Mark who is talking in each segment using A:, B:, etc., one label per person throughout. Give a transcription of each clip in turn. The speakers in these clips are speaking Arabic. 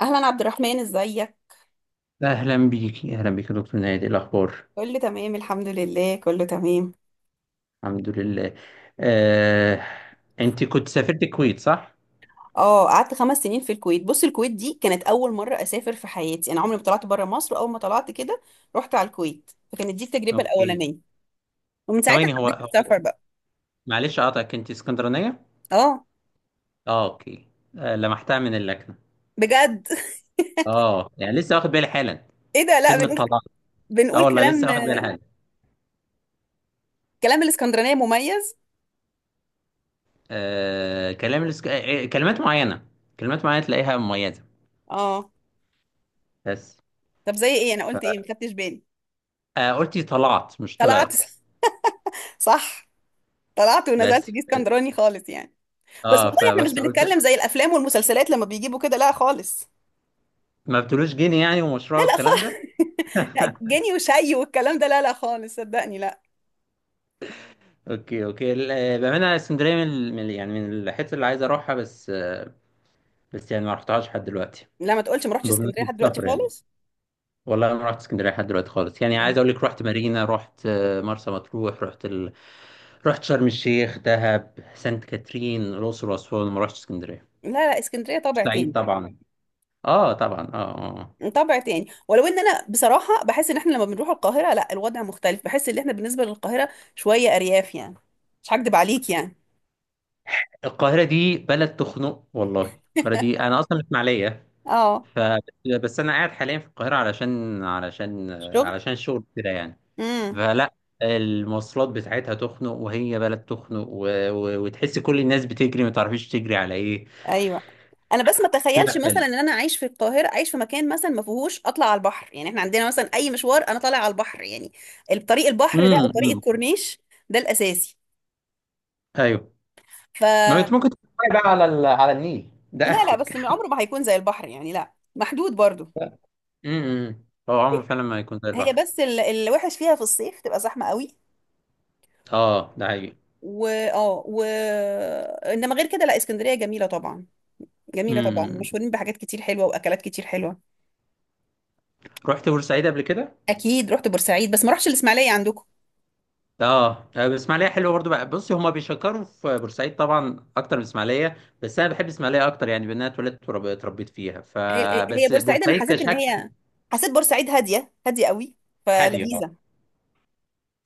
A: اهلا عبد الرحمن، ازيك؟
B: أهلا بيكي يا دكتور نهاد، إيه الأخبار؟
A: كله تمام، الحمد لله، كله تمام.
B: الحمد لله. آه، أنت كنت سافرت الكويت، صح؟
A: اه، قعدت 5 سنين في الكويت. بص، الكويت دي كانت اول مره اسافر في حياتي. انا عمري ما طلعت بره مصر. اول ما طلعت كده رحت على الكويت، فكانت دي التجربه
B: أوكي.
A: الاولانيه. ومن ساعتها
B: ثواني، هو
A: حبيت
B: هو
A: السفر بقى.
B: معلش أقطعك، أنت اسكندرانية؟
A: اه،
B: أه، أوكي. لمحتها من اللكنة.
A: بجد؟
B: أه، يعني لسه واخد بالي حالا.
A: ايه ده؟ لا،
B: كلمة
A: بنقول
B: طلاق. أه
A: بنقول
B: والله
A: كلام.
B: لسه واخد بالي حالا.
A: كلام الاسكندرانيه مميز.
B: آه، كلام الاسك... آه، آه، كلمات معينة. كلمات معينة تلاقيها مميزة.
A: اه.
B: بس.
A: طب، زي ايه؟ انا قلت ايه ما خدتش بالي.
B: آه، قلتي طلعت مش
A: طلعت.
B: طلعت.
A: صح. طلعت ونزلت،
B: بس
A: دي اسكندراني خالص يعني. بس
B: اه
A: والله احنا مش
B: فبس قلت.
A: بنتكلم زي الافلام والمسلسلات لما بيجيبوا كده، لا خالص.
B: ما بتقولوش جنيه يعني، ومشروع
A: لا لا
B: والكلام
A: خالص.
B: ده.
A: لا، جاني وشي والكلام ده، لا لا خالص، صدقني، لا.
B: اوكي اوكي، بامانه اسكندريه من يعني من الحته اللي عايز اروحها، بس. يعني ما رحتهاش لحد دلوقتي.
A: لا، ما تقولش ما رحتش اسكندريه
B: بمناسبه
A: لحد دلوقتي
B: السفر يعني،
A: خالص.
B: والله ما رحت اسكندريه لحد دلوقتي خالص. يعني
A: لا
B: عايز اقول لك، رحت مارينا، رحت مرسى مطروح، رحت رحت شرم الشيخ، دهب، سانت كاترين، الاقصر واسوان، ما رحتش اسكندريه.
A: لا، اسكندريه طابع
B: سعيد
A: تاني.
B: طبعا. اه طبعا، اه.
A: طابع تاني، ولو ان انا بصراحه بحس ان احنا لما بنروح القاهره، لا، الوضع مختلف. بحس ان احنا بالنسبه للقاهره شويه ارياف يعني. مش هكدب عليك يعني.
B: القاهره دي بلد تخنق والله. القاهره دي انا اصلا من اسماعيليه.
A: اه،
B: ف بس انا قاعد حاليا في القاهره علشان
A: الشغل.
B: علشان الشغل كده يعني.
A: امم.
B: فلا المواصلات بتاعتها تخنق، وهي بلد تخنق، وتحس كل الناس بتجري، ما تعرفيش تجري على ايه.
A: ايوه. انا بس ما اتخيلش
B: لا، حلو.
A: مثلا ان انا عايش في القاهره، عايش في مكان مثلا ما فيهوش اطلع على البحر. يعني احنا عندنا مثلا اي مشوار انا طالع على البحر يعني. الطريق البحر ده،
B: امم.
A: وطريق
B: أمم.
A: الكورنيش، ده الاساسي.
B: ايوه.
A: ف
B: ما انت ممكن تتفرج بقى على النيل، ده
A: لا لا،
B: اخرك.
A: بس عمره ما هيكون زي البحر يعني، لا محدود برضو.
B: امم. هو عمره فعلا ما يكون زي
A: هي
B: البحر.
A: بس الوحش فيها في الصيف تبقى زحمة قوي.
B: اه ده حقيقي.
A: و انما غير كده، لا، اسكندرية جميلة طبعا. جميلة
B: امم
A: طبعا،
B: امم.
A: مشهورين بحاجات كتير حلوة واكلات كتير حلوة.
B: رحت بورسعيد قبل كده؟
A: اكيد رحت بورسعيد، بس ما رحتش الاسماعيلية عندكم.
B: اه، الاسماعيليه حلوه برضو بقى، بصي، هما بيشكروا في بورسعيد طبعا اكتر من اسماعيليه. بس انا بحب اسماعيليه اكتر يعني، بان انا اتولدت وتربيت فيها،
A: هي هي
B: فبس
A: بورسعيد انا
B: بورسعيد
A: حسيت ان
B: كشكل
A: هي. حسيت بورسعيد هادية هادية قوي،
B: هاديه.
A: فلذيذة.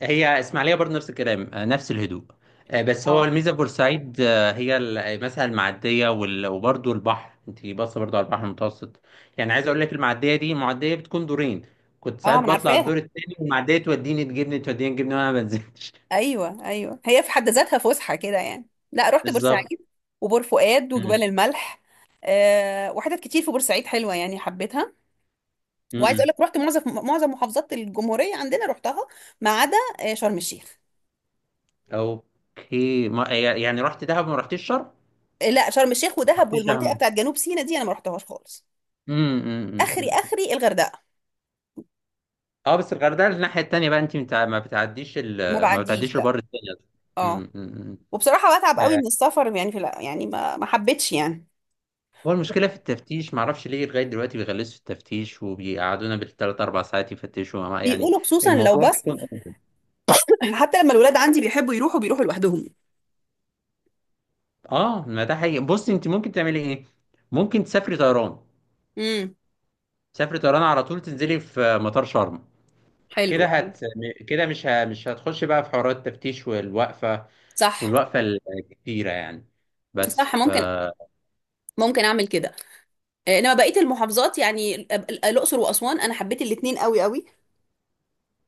B: هي اسماعيليه برضه نفس الكلام، نفس الهدوء. بس هو
A: اه
B: الميزه في بورسعيد، آه، هي ال- آه، مثلا المعديه وبرضه البحر، انت باصه برضه على البحر المتوسط. يعني عايز اقول لك، المعديه دي معديه بتكون دورين، كنت
A: اه، ما
B: ساعات
A: انا
B: بطلع الدور
A: عارفاها.
B: الثاني، والمعديه توديني تجيبني وانا ما بنزلش.
A: ايوه ايوه، هي في حد ذاتها فسحه كده يعني. لا، رحت
B: بالظبط.
A: بورسعيد وبور فؤاد وجبال
B: مم.
A: الملح. أه، وحتت كتير في بورسعيد حلوه يعني، حبيتها. وعايز اقول
B: مم.
A: لك رحت معظم محافظات الجمهوريه عندنا، رحتها ما عدا شرم الشيخ.
B: اوكي، ما يعني رحت دهب، ما رحتيش شرم؟
A: لا، شرم الشيخ
B: ما
A: ودهب
B: رحتيش دهب؟
A: والمنطقه
B: مم.
A: بتاعت جنوب سيناء دي انا ما رحتهاش خالص.
B: مم. مم.
A: اخري
B: مم.
A: اخري الغردقه.
B: اه، بس الغردقه الناحيه التانيه بقى، انت ما بتعديش
A: ما
B: ما
A: بعديش،
B: بتعديش
A: لا.
B: البر التاني أصلاً.
A: اه،
B: مم. مم. مم.
A: وبصراحه بتعب قوي
B: آه،
A: من السفر يعني. في لا يعني، ما حبيتش يعني.
B: هو المشكلة في التفتيش، معرفش ليه لغاية دلوقتي بيغلسوا في التفتيش وبيقعدونا بالتلات أربع ساعات يفتشوا يعني
A: بيقولوا خصوصا لو،
B: الموضوع
A: بس.
B: بيكون.
A: حتى لما الولاد عندي بيحبوا يروحوا، بيروحوا لوحدهم.
B: اه ما ده حقيقي. بص، انت ممكن تعملي ايه؟ ممكن تسافري طيران،
A: امم.
B: تسافري طيران على طول، تنزلي في مطار شرم،
A: حلو.
B: كده هت كده مش هتخش بقى في حوارات التفتيش، والوقفة،
A: صح
B: والوقفة الكتيرة يعني. بس
A: صح،
B: ف
A: ممكن. ممكن اعمل كده. آه، انما بقيه المحافظات، يعني الاقصر واسوان، انا حبيت الاتنين قوي قوي.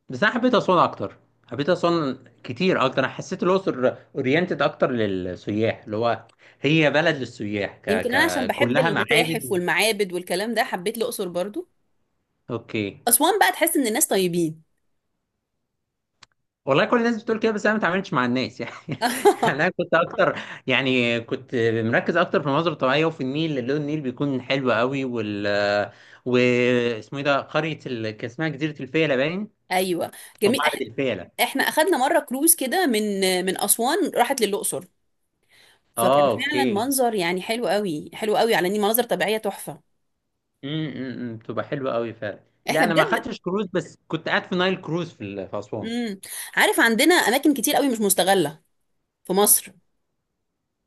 B: بس انا حبيت اسوان اكتر. حبيت اسوان كتير اكتر، انا حسيت الاقصر اورينتد اكتر للسياح، اللي هو هي بلد للسياح،
A: يمكن انا عشان بحب
B: كلها
A: المتاحف
B: معابد.
A: والمعابد والكلام ده حبيت الاقصر برضو.
B: اوكي.
A: اسوان بقى تحس ان الناس طيبين.
B: والله كل الناس بتقول كده، بس انا ما اتعاملتش مع الناس يعني. يعني انا كنت اكتر يعني كنت مركز اكتر في المناظر الطبيعيه وفي النيل، لون النيل بيكون حلو قوي. واسمه ايه ده، قريه كان اسمها جزيره الفيله باين،
A: ايوه،
B: او
A: جميل.
B: معبد الفيله.
A: احنا اخدنا مره كروز كده، من اسوان راحت للاقصر،
B: اه
A: فكان فعلا
B: اوكي.
A: منظر يعني حلو قوي، حلو قوي، على ان مناظر طبيعيه تحفه.
B: امم، بتبقى حلوه قوي فعلا. لا
A: احنا
B: انا ما
A: بجد.
B: خدتش كروز، بس كنت قاعد في نايل كروز في اسوان.
A: امم. عارف، عندنا اماكن كتير قوي مش مستغله في مصر.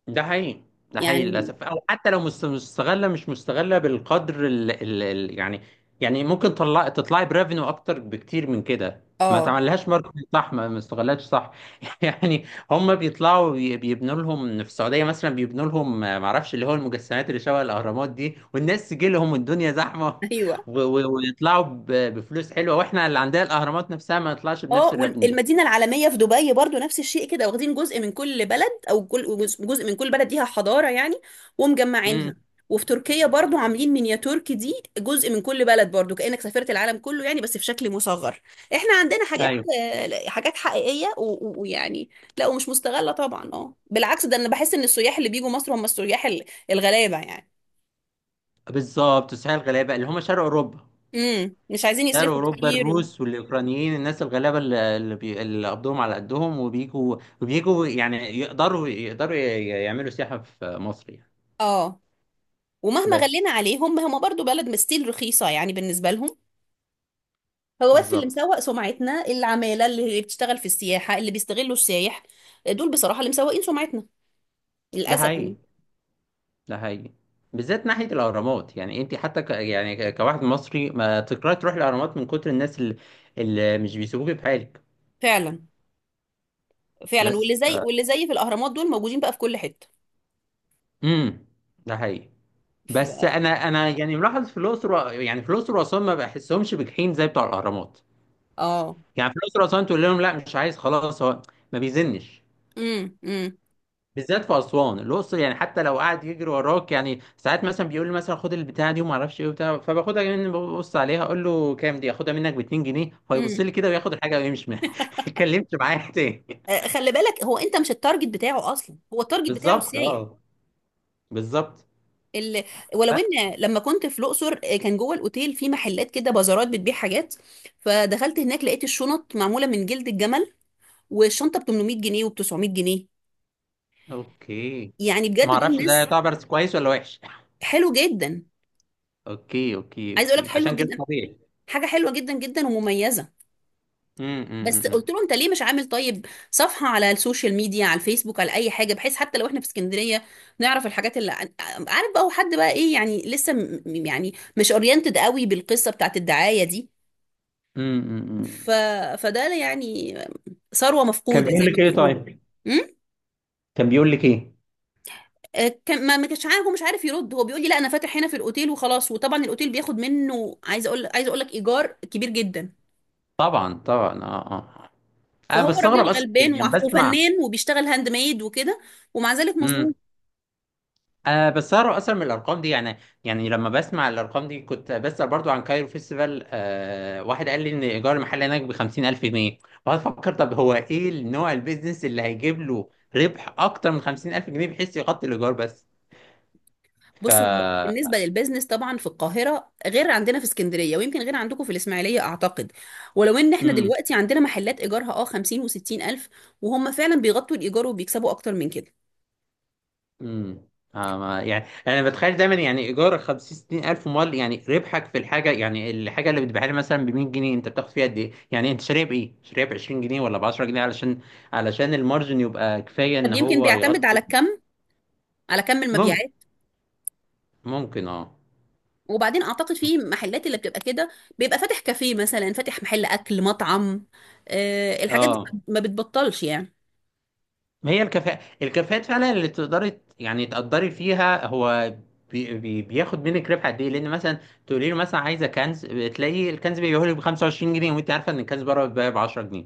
B: ده حقيقي. ده حقيقي
A: يعني
B: للاسف. او حتى لو مستغله مش مستغله بالقدر يعني، يعني ممكن تطلعي بريفينيو اكتر بكتير من كده. ما
A: اه.
B: تعملهاش ماركتنج صح، ما استغلتش صح، يعني. هم بيبنوا لهم في السعوديه مثلا، بيبنوا لهم ما اعرفش اللي هو المجسمات اللي شبه الاهرامات دي، والناس تجي لهم والدنيا زحمه،
A: ايوه.
B: ويطلعوا بفلوس حلوه، واحنا اللي عندنا الاهرامات نفسها ما نطلعش بنفس
A: اه،
B: الريفينيو ده.
A: والمدينه العالميه في دبي برضو نفس الشيء كده، واخدين جزء من كل بلد، او كل جزء، جزء من كل بلد ليها حضاره يعني،
B: امم.
A: ومجمعينها. وفي تركيا برضو عاملين مينياتور، دي جزء من كل بلد برضو، كانك سافرت العالم كله يعني، بس في شكل مصغر. احنا عندنا حاجات،
B: ايوه
A: آه، حاجات حقيقيه ويعني. لا، ومش مستغله طبعا. اه، بالعكس، ده انا بحس ان السياح اللي بيجوا مصر هم السياح الغلابه يعني.
B: بالظبط، السعوديه الغلابه اللي هم شرق اوروبا.
A: امم، مش عايزين
B: شرق
A: يصرفوا
B: اوروبا،
A: كتير. و...
B: الروس والاوكرانيين، الناس الغلابه اللي اللي بي- اللي قبضهم على قدهم، وبيجوا وبيجوا يعني، يعملوا سياحه في مصر يعني.
A: اه، ومهما غلينا
B: بس.
A: عليهم هم برضو بلد مستيل رخيصه يعني بالنسبه لهم. هو بس اللي
B: بالظبط.
A: مسوق سمعتنا، العمالة اللي بتشتغل في السياحة اللي بيستغلوا السايح، دول بصراحة اللي مسوقين سمعتنا،
B: ده
A: للأسف
B: حقيقي.
A: يعني.
B: ده حقيقي. بالذات ناحيه الاهرامات، يعني انت حتى كواحد مصري ما تكرهي تروح الاهرامات من كتر الناس اللي، اللي مش بيسيبوك بحالك.
A: فعلا فعلا.
B: بس
A: واللي
B: ف
A: زي واللي زي في الأهرامات دول موجودين بقى في كل حتة.
B: امم. ده حقيقي.
A: ف...
B: بس انا انا يعني ملاحظ في الاقصر يعني في الاقصر واسوان ما بحسهمش بجحيم زي بتوع الاهرامات.
A: اه.
B: يعني في الاقصر واسوان تقول لهم لا مش عايز خلاص، هو ما بيزنش.
A: امم امم
B: بالذات في اسوان الاقصر، يعني حتى لو قاعد يجري وراك، يعني ساعات مثلا بيقول لي مثلا خد البتاعه دي وما اعرفش ايه وبتاع، فباخدها مني ببص عليها، اقول له كام دي؟ اخدها منك ب 2 جنيه، فيبص
A: امم
B: لي كده وياخد الحاجه ويمشي ما اتكلمش معايا تاني.
A: خلي بالك، هو انت مش التارجت بتاعه اصلا، هو التارجت بتاعه
B: بالظبط
A: السايح
B: اه. بالظبط.
A: اللي. ولو
B: أ-
A: ان لما كنت في الاقصر، كان جوه الاوتيل في محلات كده، بازارات بتبيع حاجات. فدخلت هناك، لقيت الشنط معموله من جلد الجمل، والشنطه ب 800 جنيه وب 900 جنيه.
B: اوكي،
A: يعني
B: ما
A: بجد دول
B: اعرفش ده
A: ناس،
B: يعتبر كويس ولا وحش.
A: حلو جدا.
B: اوكي اوكي
A: عايز اقول لك،
B: اوكي،
A: حلوه
B: عشان كده
A: جدا،
B: طبيعي.
A: حاجه حلوه جدا جدا ومميزه. بس
B: امم.
A: قلت له، انت ليه مش عامل طيب صفحه على السوشيال ميديا، على الفيسبوك، على اي حاجه، بحيث حتى لو احنا في اسكندريه نعرف الحاجات اللي. عارف بقى، هو حد بقى ايه يعني، لسه يعني مش اورينتد قوي بالقصه بتاعت الدعايه دي.
B: امم. أمم.
A: ف... فده يعني ثروه
B: كان
A: مفقوده
B: بيقول
A: زي ما
B: لك ايه
A: بيقولوا.
B: طيب؟
A: امم.
B: كان بيقول لك ايه؟
A: كان، ما كانش عارف، هو مش عارف يرد. هو بيقول لي، لا، انا فاتح هنا في الاوتيل وخلاص، وطبعا الاوتيل بياخد منه، عايز اقول لك، ايجار كبير جدا.
B: طبعا طبعا اه اه. انا
A: فهو
B: بستغرب
A: راجل
B: اصلا يعني
A: غلبان،
B: لما بسمع.
A: وفنان، وبيشتغل هاند ميد وكده، ومع ذلك مظلوم.
B: امم. انا بستغرب اصلا من الارقام دي يعني. يعني لما بسمع الارقام دي، كنت بسأل برضو عن كايرو فيستيفال، آه واحد قال لي ان ايجار المحل هناك ب 50,000 جنيه. فافكر، طب هو ايه النوع البيزنس اللي هيجيب له ربح اكتر من 50,000 جنيه بحيث يغطي الايجار. بس ف
A: بص، هو بالنسبه للبيزنس طبعا في القاهره غير عندنا في اسكندريه، ويمكن غير عندكم في الاسماعيليه اعتقد. ولو ان احنا دلوقتي عندنا محلات ايجارها 50 و60 الف، وهم فعلا بيغطوا الايجار وبيكسبوا اكتر من كده.
B: امم. يعني انا بتخيل دايما يعني ايجار 50 60 الف مال، يعني ربحك في الحاجه، يعني الحاجه اللي بتبيعها لي مثلا ب 100 جنيه، انت بتاخد فيها قد ايه يعني؟ انت شاريها بايه، شاريها ب 20 جنيه ولا ب 10 جنيه، علشان علشان المارجن يبقى كفايه ان
A: طب يمكن
B: هو
A: بيعتمد على
B: يغطي.
A: الكم، على كم
B: ممكن.
A: المبيعات.
B: ممكن اه.
A: وبعدين اعتقد في محلات اللي بتبقى كده بيبقى فاتح كافيه مثلا، فاتح محل اكل، مطعم. أه، الحاجات دي
B: اه.
A: ما بتبطلش يعني.
B: ما هي الكفاءه، الكفاءات فعلا اللي يعني تقدري فيها، هو بي بي بياخد منك ربح قد ايه، لان مثلا تقولي له مثلا عايزه كنز، تلاقي الكنز بيبيعه لك ب 25 جنيه، وانت عارفه ان الكنز بره بيتباع ب 10 جنيه،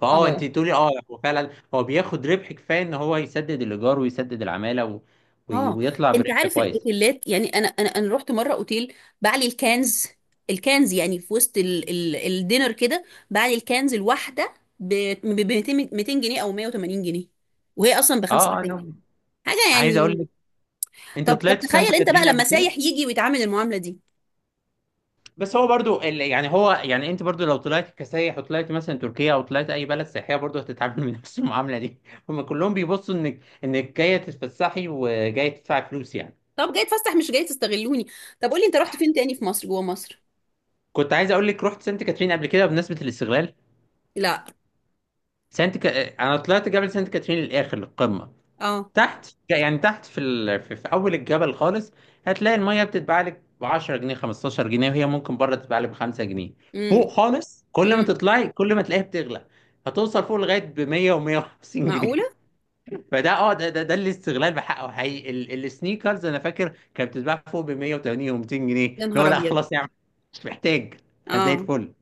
B: فاه انت
A: اه
B: تقولي اه، هو فعلا هو بياخد ربح كفايه ان هو يسدد الايجار ويسدد العماله
A: اه.
B: ويطلع
A: انت
B: بربح
A: عارف
B: كويس.
A: الاوتيلات؟ يعني انا رحت مره اوتيل بعلي الكنز. الكنز يعني في وسط ال ال الدينر كده، بعلي الكنز الواحده ب 200 جنيه او 180 جنيه، وهي اصلا ب 5
B: اه.
A: جنيه
B: انا
A: حاجه
B: عايز اقول
A: يعني.
B: لك، انت
A: طب
B: طلعت سانت
A: تخيل انت بقى
B: كاترين قبل
A: لما
B: كده؟
A: سايح يجي ويتعامل المعامله دي!
B: بس هو برضو ال... يعني هو يعني انت برضو لو طلعت كسايح وطلعت مثلا تركيا او طلعت اي بلد سياحيه، برضو هتتعامل من نفس المعامله دي. هما كلهم بيبصوا انك انك جايه تتفسحي وجايه تدفعي فلوس يعني.
A: طب، جاي تفسح مش جاي تستغلوني! طب قولي، انت رحت فين تاني في مصر، جوه مصر؟
B: كنت عايز اقول لك رحت سانت كاترين قبل كده بمناسبه الاستغلال.
A: لا.
B: انا طلعت جبل سانت كاترين للاخر، للقمه.
A: اه.
B: تحت يعني، تحت في ال... في في اول الجبل خالص، هتلاقي الميه بتتباع لك ب 10 جنيه، 15 جنيه، وهي ممكن بره تتباع لك ب 5 جنيه. فوق
A: امم
B: خالص، كل ما
A: امم
B: تطلعي كل ما تلاقيها بتغلى، هتوصل فوق لغايه ب 100 و150 جنيه.
A: معقوله؟
B: فده اه ده ده, ده الاستغلال بحقه حقيقي. السنيكرز انا فاكر كانت بتتباع فوق ب 180 و200 جنيه،
A: يا
B: اللي
A: نهار
B: هو لا
A: ابيض!
B: خلاص يا عم مش محتاج، أنا زي
A: اه.
B: الفل.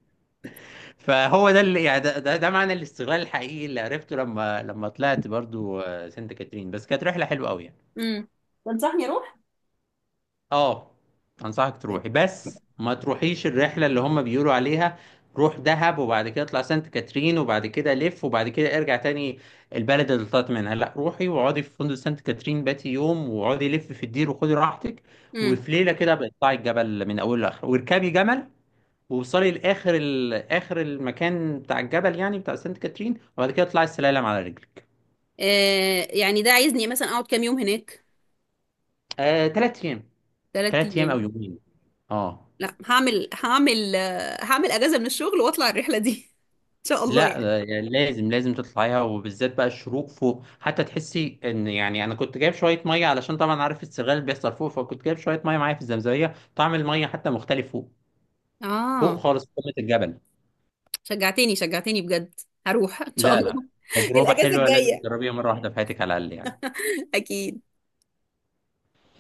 B: فهو ده اللي يعني، ده معنى الاستغلال الحقيقي اللي عرفته لما لما طلعت برضو سانت كاترين. بس كانت رحله حلوه قوي يعني.
A: امم. تنصحني اروح؟
B: اه. انصحك تروحي، بس ما تروحيش الرحله اللي هم بيقولوا عليها، روح دهب وبعد كده اطلع سانت كاترين وبعد كده لف وبعد كده ارجع تاني البلد اللي طلعت منها. لا، روحي واقعدي في فندق سانت كاترين باتي يوم، واقعدي لف في الدير وخدي راحتك،
A: امم.
B: وفي ليله كده بتطلعي الجبل من اوله لاخره، واركبي جمل، ووصلي لاخر اخر المكان بتاع الجبل يعني بتاع سانت كاترين، وبعد كده اطلعي السلالم على رجلك.
A: يعني ده عايزني مثلا اقعد كام يوم هناك؟
B: تلات ايام.
A: ثلاث
B: تلات ايام او
A: ايام
B: يومين. اه.
A: لا، هعمل اجازه من الشغل واطلع الرحله دي. ان شاء الله
B: لا
A: يعني.
B: يعني لازم لازم تطلعيها، وبالذات بقى الشروق فوق، حتى تحسي ان يعني، انا كنت جايب شويه ميه، علشان طبعا عارف السرغال اللي بيحصل فوق، فكنت جايب شويه ميه معايا في الزمزميه، طعم الميه حتى مختلف فوق،
A: اه،
B: فوق خالص في قمه الجبل.
A: شجعتني شجعتني بجد. هروح ان شاء
B: لا.
A: الله.
B: تجربه
A: الاجازه
B: حلوه، لازم
A: الجايه.
B: تجربيها مره واحده في حياتك على الاقل يعني.
A: اكيد.